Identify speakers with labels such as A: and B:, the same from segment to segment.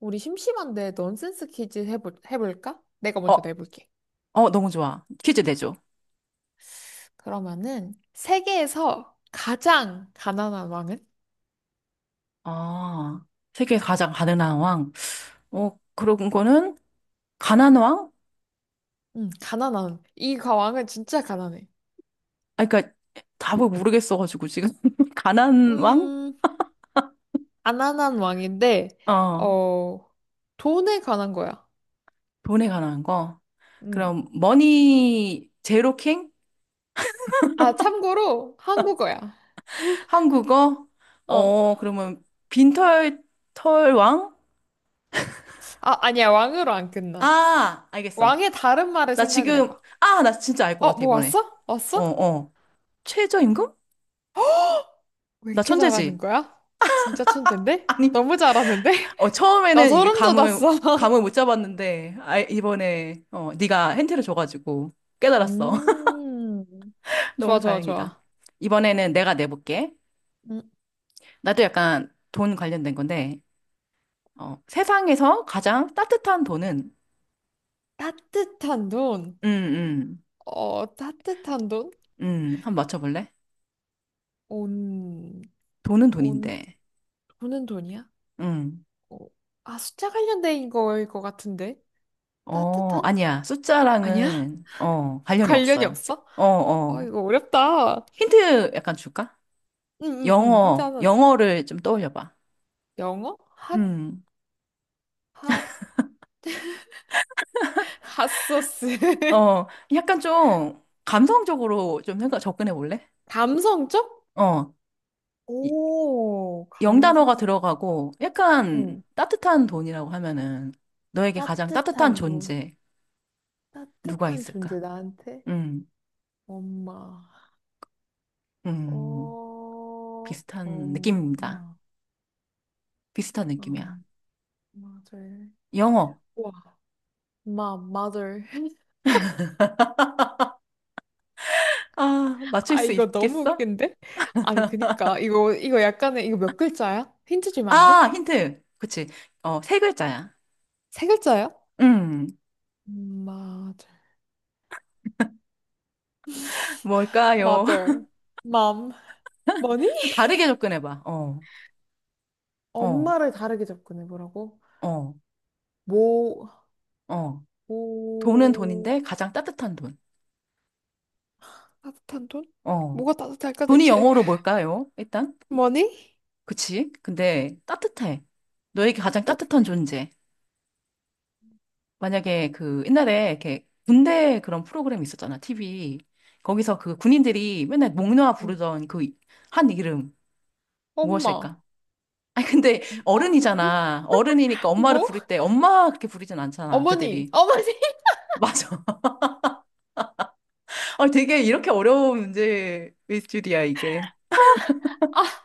A: 우리 심심한데 넌센스 퀴즈 해볼까? 내가
B: 어,
A: 먼저 내볼게.
B: 너무 좋아. 퀴즈 내줘.
A: 그러면은 세계에서 가장 가난한 왕은?
B: 아, 세계 가장 가난한 왕. 그런 거는 가난 왕?
A: 가난한. 왕은 진짜 가난해.
B: 아, 그러니까 답을 모르겠어가지고 지금 가난 왕?
A: 음, 가난한 왕인데
B: 어,
A: 어 돈에 관한 거야.
B: 돈에 관한 거.
A: 음.
B: 그럼 머니 제로 킹?
A: 아, 참고로 한국어야.
B: 한국어?
A: 어.
B: 그러면 빈털 털 왕?
A: 아, 아니야. 왕으로 안 끝나.
B: 아, 알겠어.
A: 왕의 다른 말을
B: 나
A: 생각을
B: 지금
A: 해봐.
B: 아, 나 진짜 알 것
A: 어,
B: 같아
A: 뭐
B: 이번에.
A: 왔어?
B: 어,
A: 왔어?
B: 어. 최저임금?
A: 왜
B: 나
A: 이렇게 잘하는
B: 천재지?
A: 거야? 진짜 천재인데?
B: 아니.
A: 너무 잘하는데? 나
B: 처음에는 이게
A: 소름
B: 감을,
A: 돋았어.
B: 감을 못 잡았는데, 아, 이번에, 네가 힌트를 줘가지고 깨달았어.
A: 음,
B: 너무
A: 좋아, 좋아,
B: 다행이다.
A: 좋아.
B: 이번에는 내가 내볼게.
A: 음,
B: 나도 약간 돈 관련된 건데, 세상에서 가장 따뜻한 돈은,
A: 따뜻한 돈.
B: 음, 음,
A: 어, 따뜻한 돈?
B: 한번 맞춰볼래?
A: 온,
B: 돈은
A: 온,
B: 돈인데,
A: 오는 돈이야?
B: 음,
A: 어, 아, 숫자 관련된 거일 것 같은데. 따뜻한?
B: 아니야.
A: 아니야?
B: 숫자랑은, 관련이
A: 관련이
B: 없어요.
A: 없어?
B: 어,
A: 아,
B: 어.
A: 이거 어렵다. 응,
B: 힌트 약간 줄까?
A: 응, 응. 힌트
B: 영어,
A: 하나 줘.
B: 영어를 좀 떠올려봐.
A: 영어? 핫,
B: 음.
A: 핫, 핫소스.
B: 어, 약간 좀 감성적으로 좀 생각 접근해 볼래?
A: 감성적?
B: 어, 이-
A: 오,
B: 영단어가
A: 감성.
B: 들어가고 약간
A: 응.
B: 따뜻한 돈이라고 하면은 너에게 가장 따뜻한
A: 따뜻한 돈.
B: 존재 누가
A: 따뜻한
B: 있을까?
A: 존재 나한테?
B: 음,
A: 엄마.
B: 음,
A: 어,
B: 비슷한 느낌입니다.
A: 엄마.
B: 비슷한 느낌이야.
A: 엄마, 절.
B: 영어.
A: 우와, 마, mother.
B: 아, 맞출
A: 아,
B: 수
A: 이거 너무
B: 있겠어?
A: 웃긴데? 아니, 그니까. 이거, 이거 약간의, 이거 몇 글자야? 힌트 주면 안 돼?
B: 아, 힌트. 그치. 어, 세 글자야.
A: 세 글자야?
B: 음,
A: 엄마, 절.
B: 뭘까요?
A: mother, mom, money?
B: 좀 다르게 접근해 봐. 어,
A: 엄마를 다르게 접근해보라고?
B: 어,
A: 뭐
B: 어. 돈은
A: 뭐
B: 돈인데 가장 따뜻한 돈.
A: 따뜻한 돈?
B: 어.
A: 뭐가 따뜻할까
B: 돈이
A: 대체?
B: 영어로 뭘까요? 일단?
A: money?
B: 그치? 근데 따뜻해. 너에게 가장 따뜻한
A: 따뜻해.
B: 존재. 만약에 그 옛날에 이렇게 군대 그런 프로그램 있었잖아, TV. 거기서 그 군인들이 맨날 목놓아
A: 응.
B: 부르던 그 한 이름
A: 엄마.
B: 무엇일까? 아니, 근데
A: 어,
B: 어른이잖아. 어른이니까 엄마를
A: 뭐?
B: 부를 때 엄마 그렇게 부르진 않잖아,
A: 어머니,
B: 그들이.
A: 어머니.
B: 맞아. 아, 되게 이렇게 어려운 문제일 줄이야, 이게.
A: 아,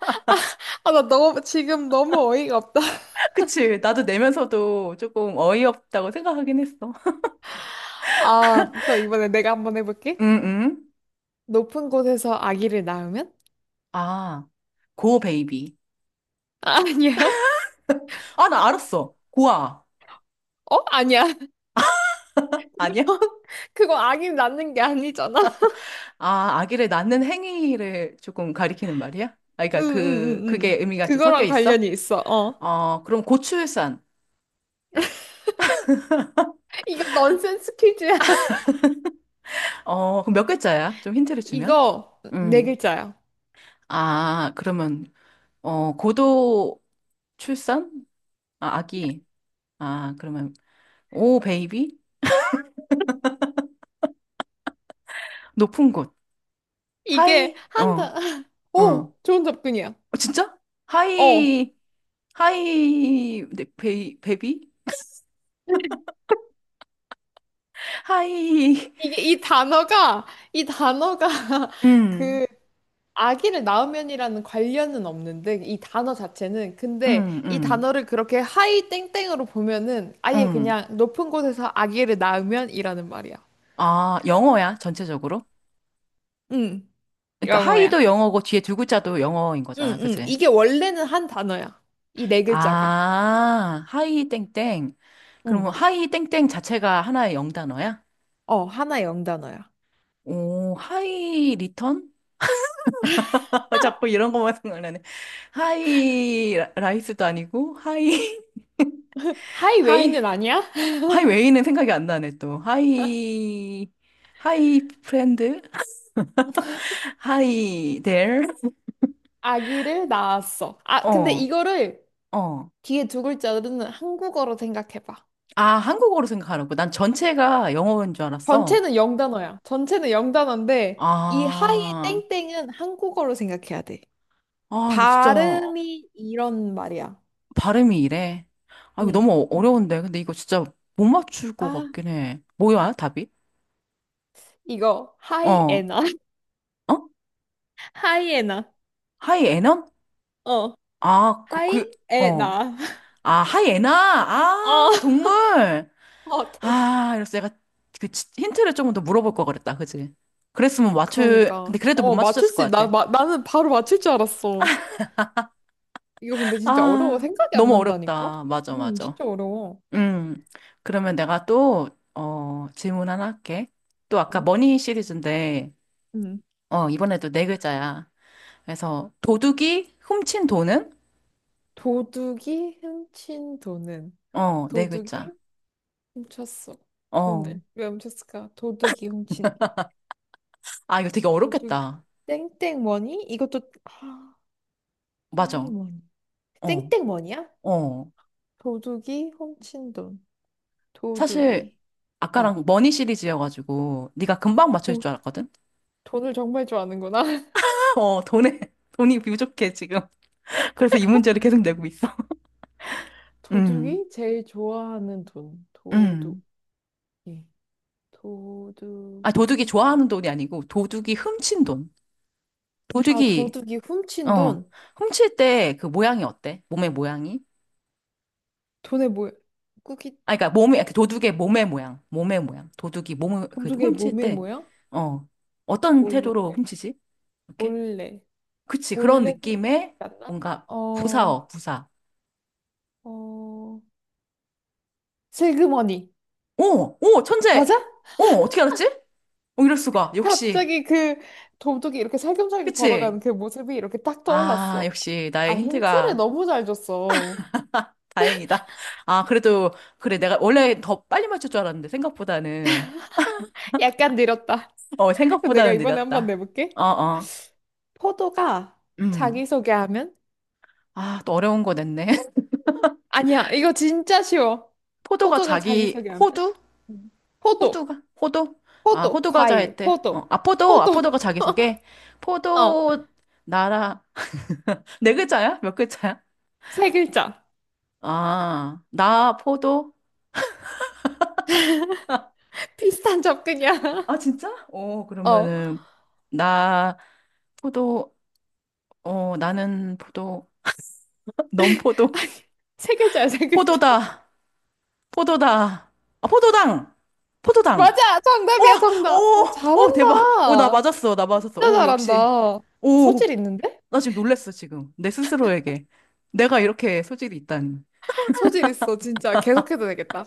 A: 아, 나 너무, 지금 너무 어이가 없다.
B: 그치? 나도 내면서도 조금 어이없다고 생각하긴 했어.
A: 아, 그럼 이번에 내가 한번 해볼게.
B: 응, 응.
A: 높은 곳에서 아기를 낳으면?
B: 아, 고 베이비.
A: 아, 아니야.
B: 아, 나 알았어. 고아.
A: 어? 아니야.
B: 아니야?
A: 그거 아기 낳는 게 아니잖아.
B: 아, 아기를 낳는 행위를 조금 가리키는 말이야? 아,
A: 응,
B: 그러니까 그,
A: 응, 응,
B: 그게
A: 응.
B: 의미가 좀 섞여
A: 그거랑
B: 있어?
A: 관련이 있어. 어.
B: 어, 그럼 고출산.
A: 이거 넌센스 퀴즈야.
B: 어, 그럼 몇 글자야? 좀 힌트를 주면?
A: 이거 네
B: 음.
A: 글자야.
B: 아, 그러면, 어, 고도 출산? 아, 아기. 아, 그러면, 오, 베이비? 높은 곳.
A: 이게
B: 하이,
A: 한
B: 어,
A: 단,
B: 어.
A: 오,
B: 어,
A: 좋은 접근이야.
B: 진짜?
A: 어.
B: 하이, 하이, 네, 베이, 베비? 하이.
A: 이게 이 단어가, 이 단어가
B: 음,
A: 그 아기를 낳으면이라는 관련은 없는데 이 단어 자체는 근데
B: 음,
A: 이
B: 음,
A: 단어를 그렇게 하이 땡땡으로 보면은 아예
B: 음.
A: 그냥 높은 곳에서 아기를 낳으면이라는 말이야.
B: 아, 영어야, 전체적으로?
A: 응,
B: 그러니까 하이도
A: 영어야.
B: 영어고 뒤에 두 글자도 영어인
A: 응,
B: 거잖아,
A: 응.
B: 그치?
A: 이게 원래는 한 단어야. 이 네 글자가.
B: 아, 하이 땡땡. 그러면
A: 응.
B: 하이 땡땡 자체가 하나의 영단어야?
A: 어, 하나의 영단어야.
B: 오, 하이 리턴? 아, 자꾸 이런 것만 생각나네. 하이 라이스도 아니고, 하이,
A: 하이웨이는
B: 하이,
A: 아니야?
B: 하이 웨이는 생각이 안 나네, 또. 하이, 하이 프렌드? 하이 데어?
A: 아기를 낳았어. 아, 근데 이거를
B: 어.
A: 뒤에 두 글자로는 한국어로 생각해봐.
B: 아, 한국어로 생각하라고. 난 전체가 영어인 줄 알았어.
A: 전체는 영단어야. 전체는 영단어인데 이 하이
B: 아,
A: 땡땡은 한국어로 생각해야 돼.
B: 이거 진짜
A: 발음이 이런 말이야.
B: 발음이 이래. 아, 이거
A: 응.
B: 너무 어려운데. 근데 이거 진짜 못 맞출 것
A: 아,
B: 같긴 해. 뭐야, 답이?
A: 이거
B: 어, 어?
A: 하이에나. 하이에나.
B: 하이 에넌?
A: 어.
B: 아, 그,
A: 하이에나.
B: 어. 아, 하이 에나?
A: 어.
B: 아, 동물!
A: 아, 동-
B: 아, 이래서 내가 그 힌트를 조금 더 물어볼 걸 그랬다. 그지? 그랬으면 맞출, 근데
A: 그러니까.
B: 그래도 못
A: 어, 맞출
B: 맞추셨을 것
A: 수 있... 나,
B: 같아.
A: 마, 나는 바로 맞출 줄 알았어. 이거 근데 진짜 어려워.
B: 아,
A: 생각이 안
B: 너무
A: 난다니까?
B: 어렵다. 맞아, 맞아.
A: 진짜 어려워.
B: 음, 그러면 내가 또, 질문 하나 할게. 또 아까
A: 응?
B: 머니 시리즈인데,
A: 응.
B: 어, 이번에도 네 글자야. 그래서 도둑이 훔친 돈은?
A: 도둑이 훔친 돈은
B: 어, 네 글자.
A: 도둑이 훔쳤어.
B: 어.
A: 돈을. 왜 훔쳤을까? 도둑이 훔친다.
B: 아, 이거 되게
A: 도둑이.
B: 어렵겠다.
A: 땡땡머니? 이것도, 아,
B: 맞아.
A: 아이머니.
B: 어,
A: 땡땡머니야?
B: 어.
A: 도둑이 훔친 돈.
B: 사실,
A: 도둑이. 어.
B: 아까랑 머니 시리즈여가지고, 네가 금방 맞출
A: 도,
B: 줄 알았거든?
A: 돈을 정말 좋아하는구나.
B: 어, 돈에, 돈이 부족해, 지금. 그래서 이 문제를 계속 내고 있어. 음,
A: 도둑이 제일 좋아하는 돈. 도둑이.
B: 음. 아, 도둑이
A: 도둑이 제일.
B: 좋아하는 돈이 아니고, 도둑이 훔친 돈.
A: 아,
B: 도둑이
A: 도둑이 훔친
B: 어.
A: 돈.
B: 훔칠 때 그 모양이 어때? 몸의 모양이?
A: 돈의 모 꾸깃.
B: 아, 그러니까 몸의, 그 도둑의 몸의 모양. 몸의 모양. 도둑이 몸을, 그
A: 도둑의
B: 훔칠
A: 몸의
B: 때,
A: 모양?
B: 어. 어떤 태도로
A: 몰래.
B: 훔치지? 이렇게?
A: 몰래.
B: 그치. 그런
A: 몰래
B: 느낌의
A: 갔나?
B: 뭔가
A: 어,
B: 부사.
A: 어, 슬그머니.
B: 오! 오!
A: 맞아?
B: 천재! 오! 어떻게 알았지? 오, 이럴 수가. 역시.
A: 갑자기 그 도둑이 이렇게 살금살금
B: 그치?
A: 걸어가는 그 모습이 이렇게 딱
B: 아,
A: 떠올랐어.
B: 역시 나의
A: 아, 힌트를
B: 힌트가
A: 너무 잘 줬어.
B: 다행이다. 아, 그래도, 그래. 내가 원래 더 빨리 맞출 줄 알았는데, 생각보다는.
A: 약간 느렸다.
B: 어,
A: 그럼 내가
B: 생각보다는
A: 이번에 한번
B: 느렸다.
A: 내볼게.
B: 어, 어.
A: 포도가
B: 음.
A: 자기소개하면?
B: 아, 또 어려운 거 냈네.
A: 아니야, 이거 진짜 쉬워.
B: 포도가
A: 포도가
B: 자기
A: 자기소개하면?
B: 호두?
A: 음. 포도,
B: 호두가? 호도? 아,
A: 포도,
B: 호두 과자
A: 과일,
B: 했대.
A: 포도,
B: 아, 포도. 아,
A: 포도.
B: 포도가 자기 소개.
A: 어,
B: 포도 나라. 네 글자야? 몇 글자야?
A: 세 글자.
B: 아, 나 포도.
A: 비슷한 접근이야.
B: 아, 진짜? 어,
A: 어.
B: 그러면은 나 포도. 어, 나는 포도. 넌 포도.
A: 세 글자야, 세 글자.
B: 포도다. 포도다. 아, 포도당. 포도당.
A: 맞아!
B: 와!
A: 정답이야, 정답! 아,
B: 오! 오, 대박. 오, 나
A: 잘한다!
B: 맞았어. 나 맞았어.
A: 진짜
B: 오, 역시.
A: 잘한다.
B: 오.
A: 소질 있는데?
B: 나 지금 놀랬어, 지금. 내 스스로에게. 내가 이렇게 소질이 있다니.
A: 소질 있어, 진짜. 계속해도 되겠다.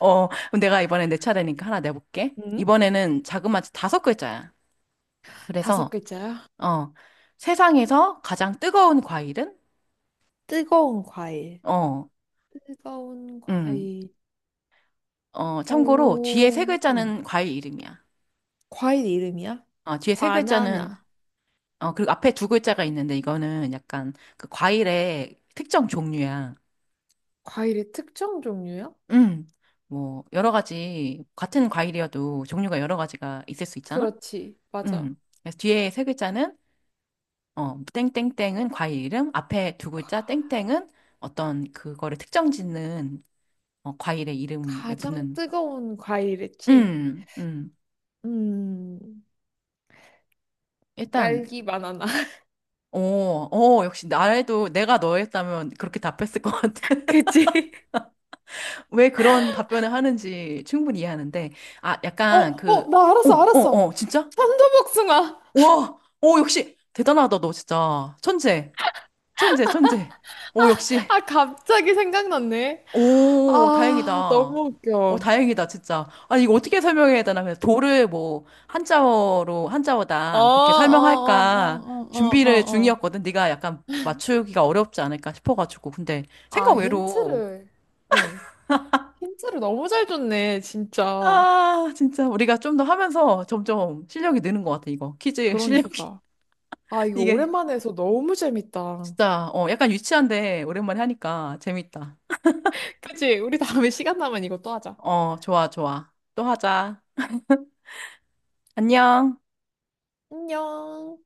B: 어, 그럼 내가 이번에 내 차례니까 하나 내볼게.
A: 응?
B: 이번에는 자그마치 다섯 글자야.
A: 다섯
B: 그래서,
A: 글자야.
B: 어, 세상에서 가장 뜨거운 과일은?
A: 뜨거운 과일.
B: 어,
A: 뜨거운
B: 음,
A: 과일.
B: 어, 참고로 뒤에
A: 오,
B: 세
A: 음
B: 글자는 과일 이름이야.
A: 과일 이름이야?
B: 어, 뒤에 세 글자는,
A: 바나나.
B: 어, 그리고 앞에 두 글자가 있는데 이거는 약간 그 과일의 특정 종류야.
A: 과일의 특정 종류야?
B: 음, 뭐, 여러 가지, 같은 과일이어도 종류가 여러 가지가 있을 수 있잖아?
A: 그렇지, 맞아.
B: 음. 그래서 뒤에 세 글자는 땡땡땡은 과일 이름, 앞에 두
A: 과-
B: 글자 땡땡은 어떤 그거를 특정 짓는 과일의 이름에
A: 가장
B: 붙는
A: 뜨거운 과일이지?
B: 음.
A: 음,
B: 일단
A: 딸기 바나나.
B: 오, 오, 역시 나라도 내가 너였다면 그렇게 답했을 것 같아.
A: 그치?
B: 왜 그런 답변을 하는지 충분히 이해하는데 아,
A: 어,
B: 약간 그
A: 어, 나
B: 어,
A: 알았어,
B: 어,
A: 알았어.
B: 진짜?
A: 천도복숭아.
B: 와! 오, 역시 대단하다 너 진짜. 천재. 천재, 천재. 오, 역시
A: 아, 갑자기 생각났네.
B: 오, 다행이다.
A: 아, 너무
B: 어,
A: 웃겨.
B: 다행이다, 진짜. 아니, 이거 어떻게 설명해야 되나? 그래서 도를 뭐, 한자어로,
A: 어, 어,
B: 한자어다. 뭐 그렇게 설명할까?
A: 어, 어, 어, 어,
B: 준비를
A: 어. 어.
B: 중이었거든. 네가 약간 맞추기가 어렵지 않을까 싶어가지고. 근데 생각
A: 아,
B: 외로.
A: 힌트를. 응. 힌트를 너무 잘 줬네, 진짜.
B: 아, 진짜. 우리가 좀 더 하면서 점점 실력이 느는 것 같아, 이거. 퀴즈 실력이.
A: 그러니까. 아, 이거
B: 이게
A: 오랜만에 해서 너무 재밌다.
B: 진짜, 약간 유치한데 오랜만에 하니까 재밌다.
A: 그치? 우리 다음에 시간 나면 이것도 하자.
B: 어, 좋아, 좋아. 또 하자. 안녕.
A: 안녕.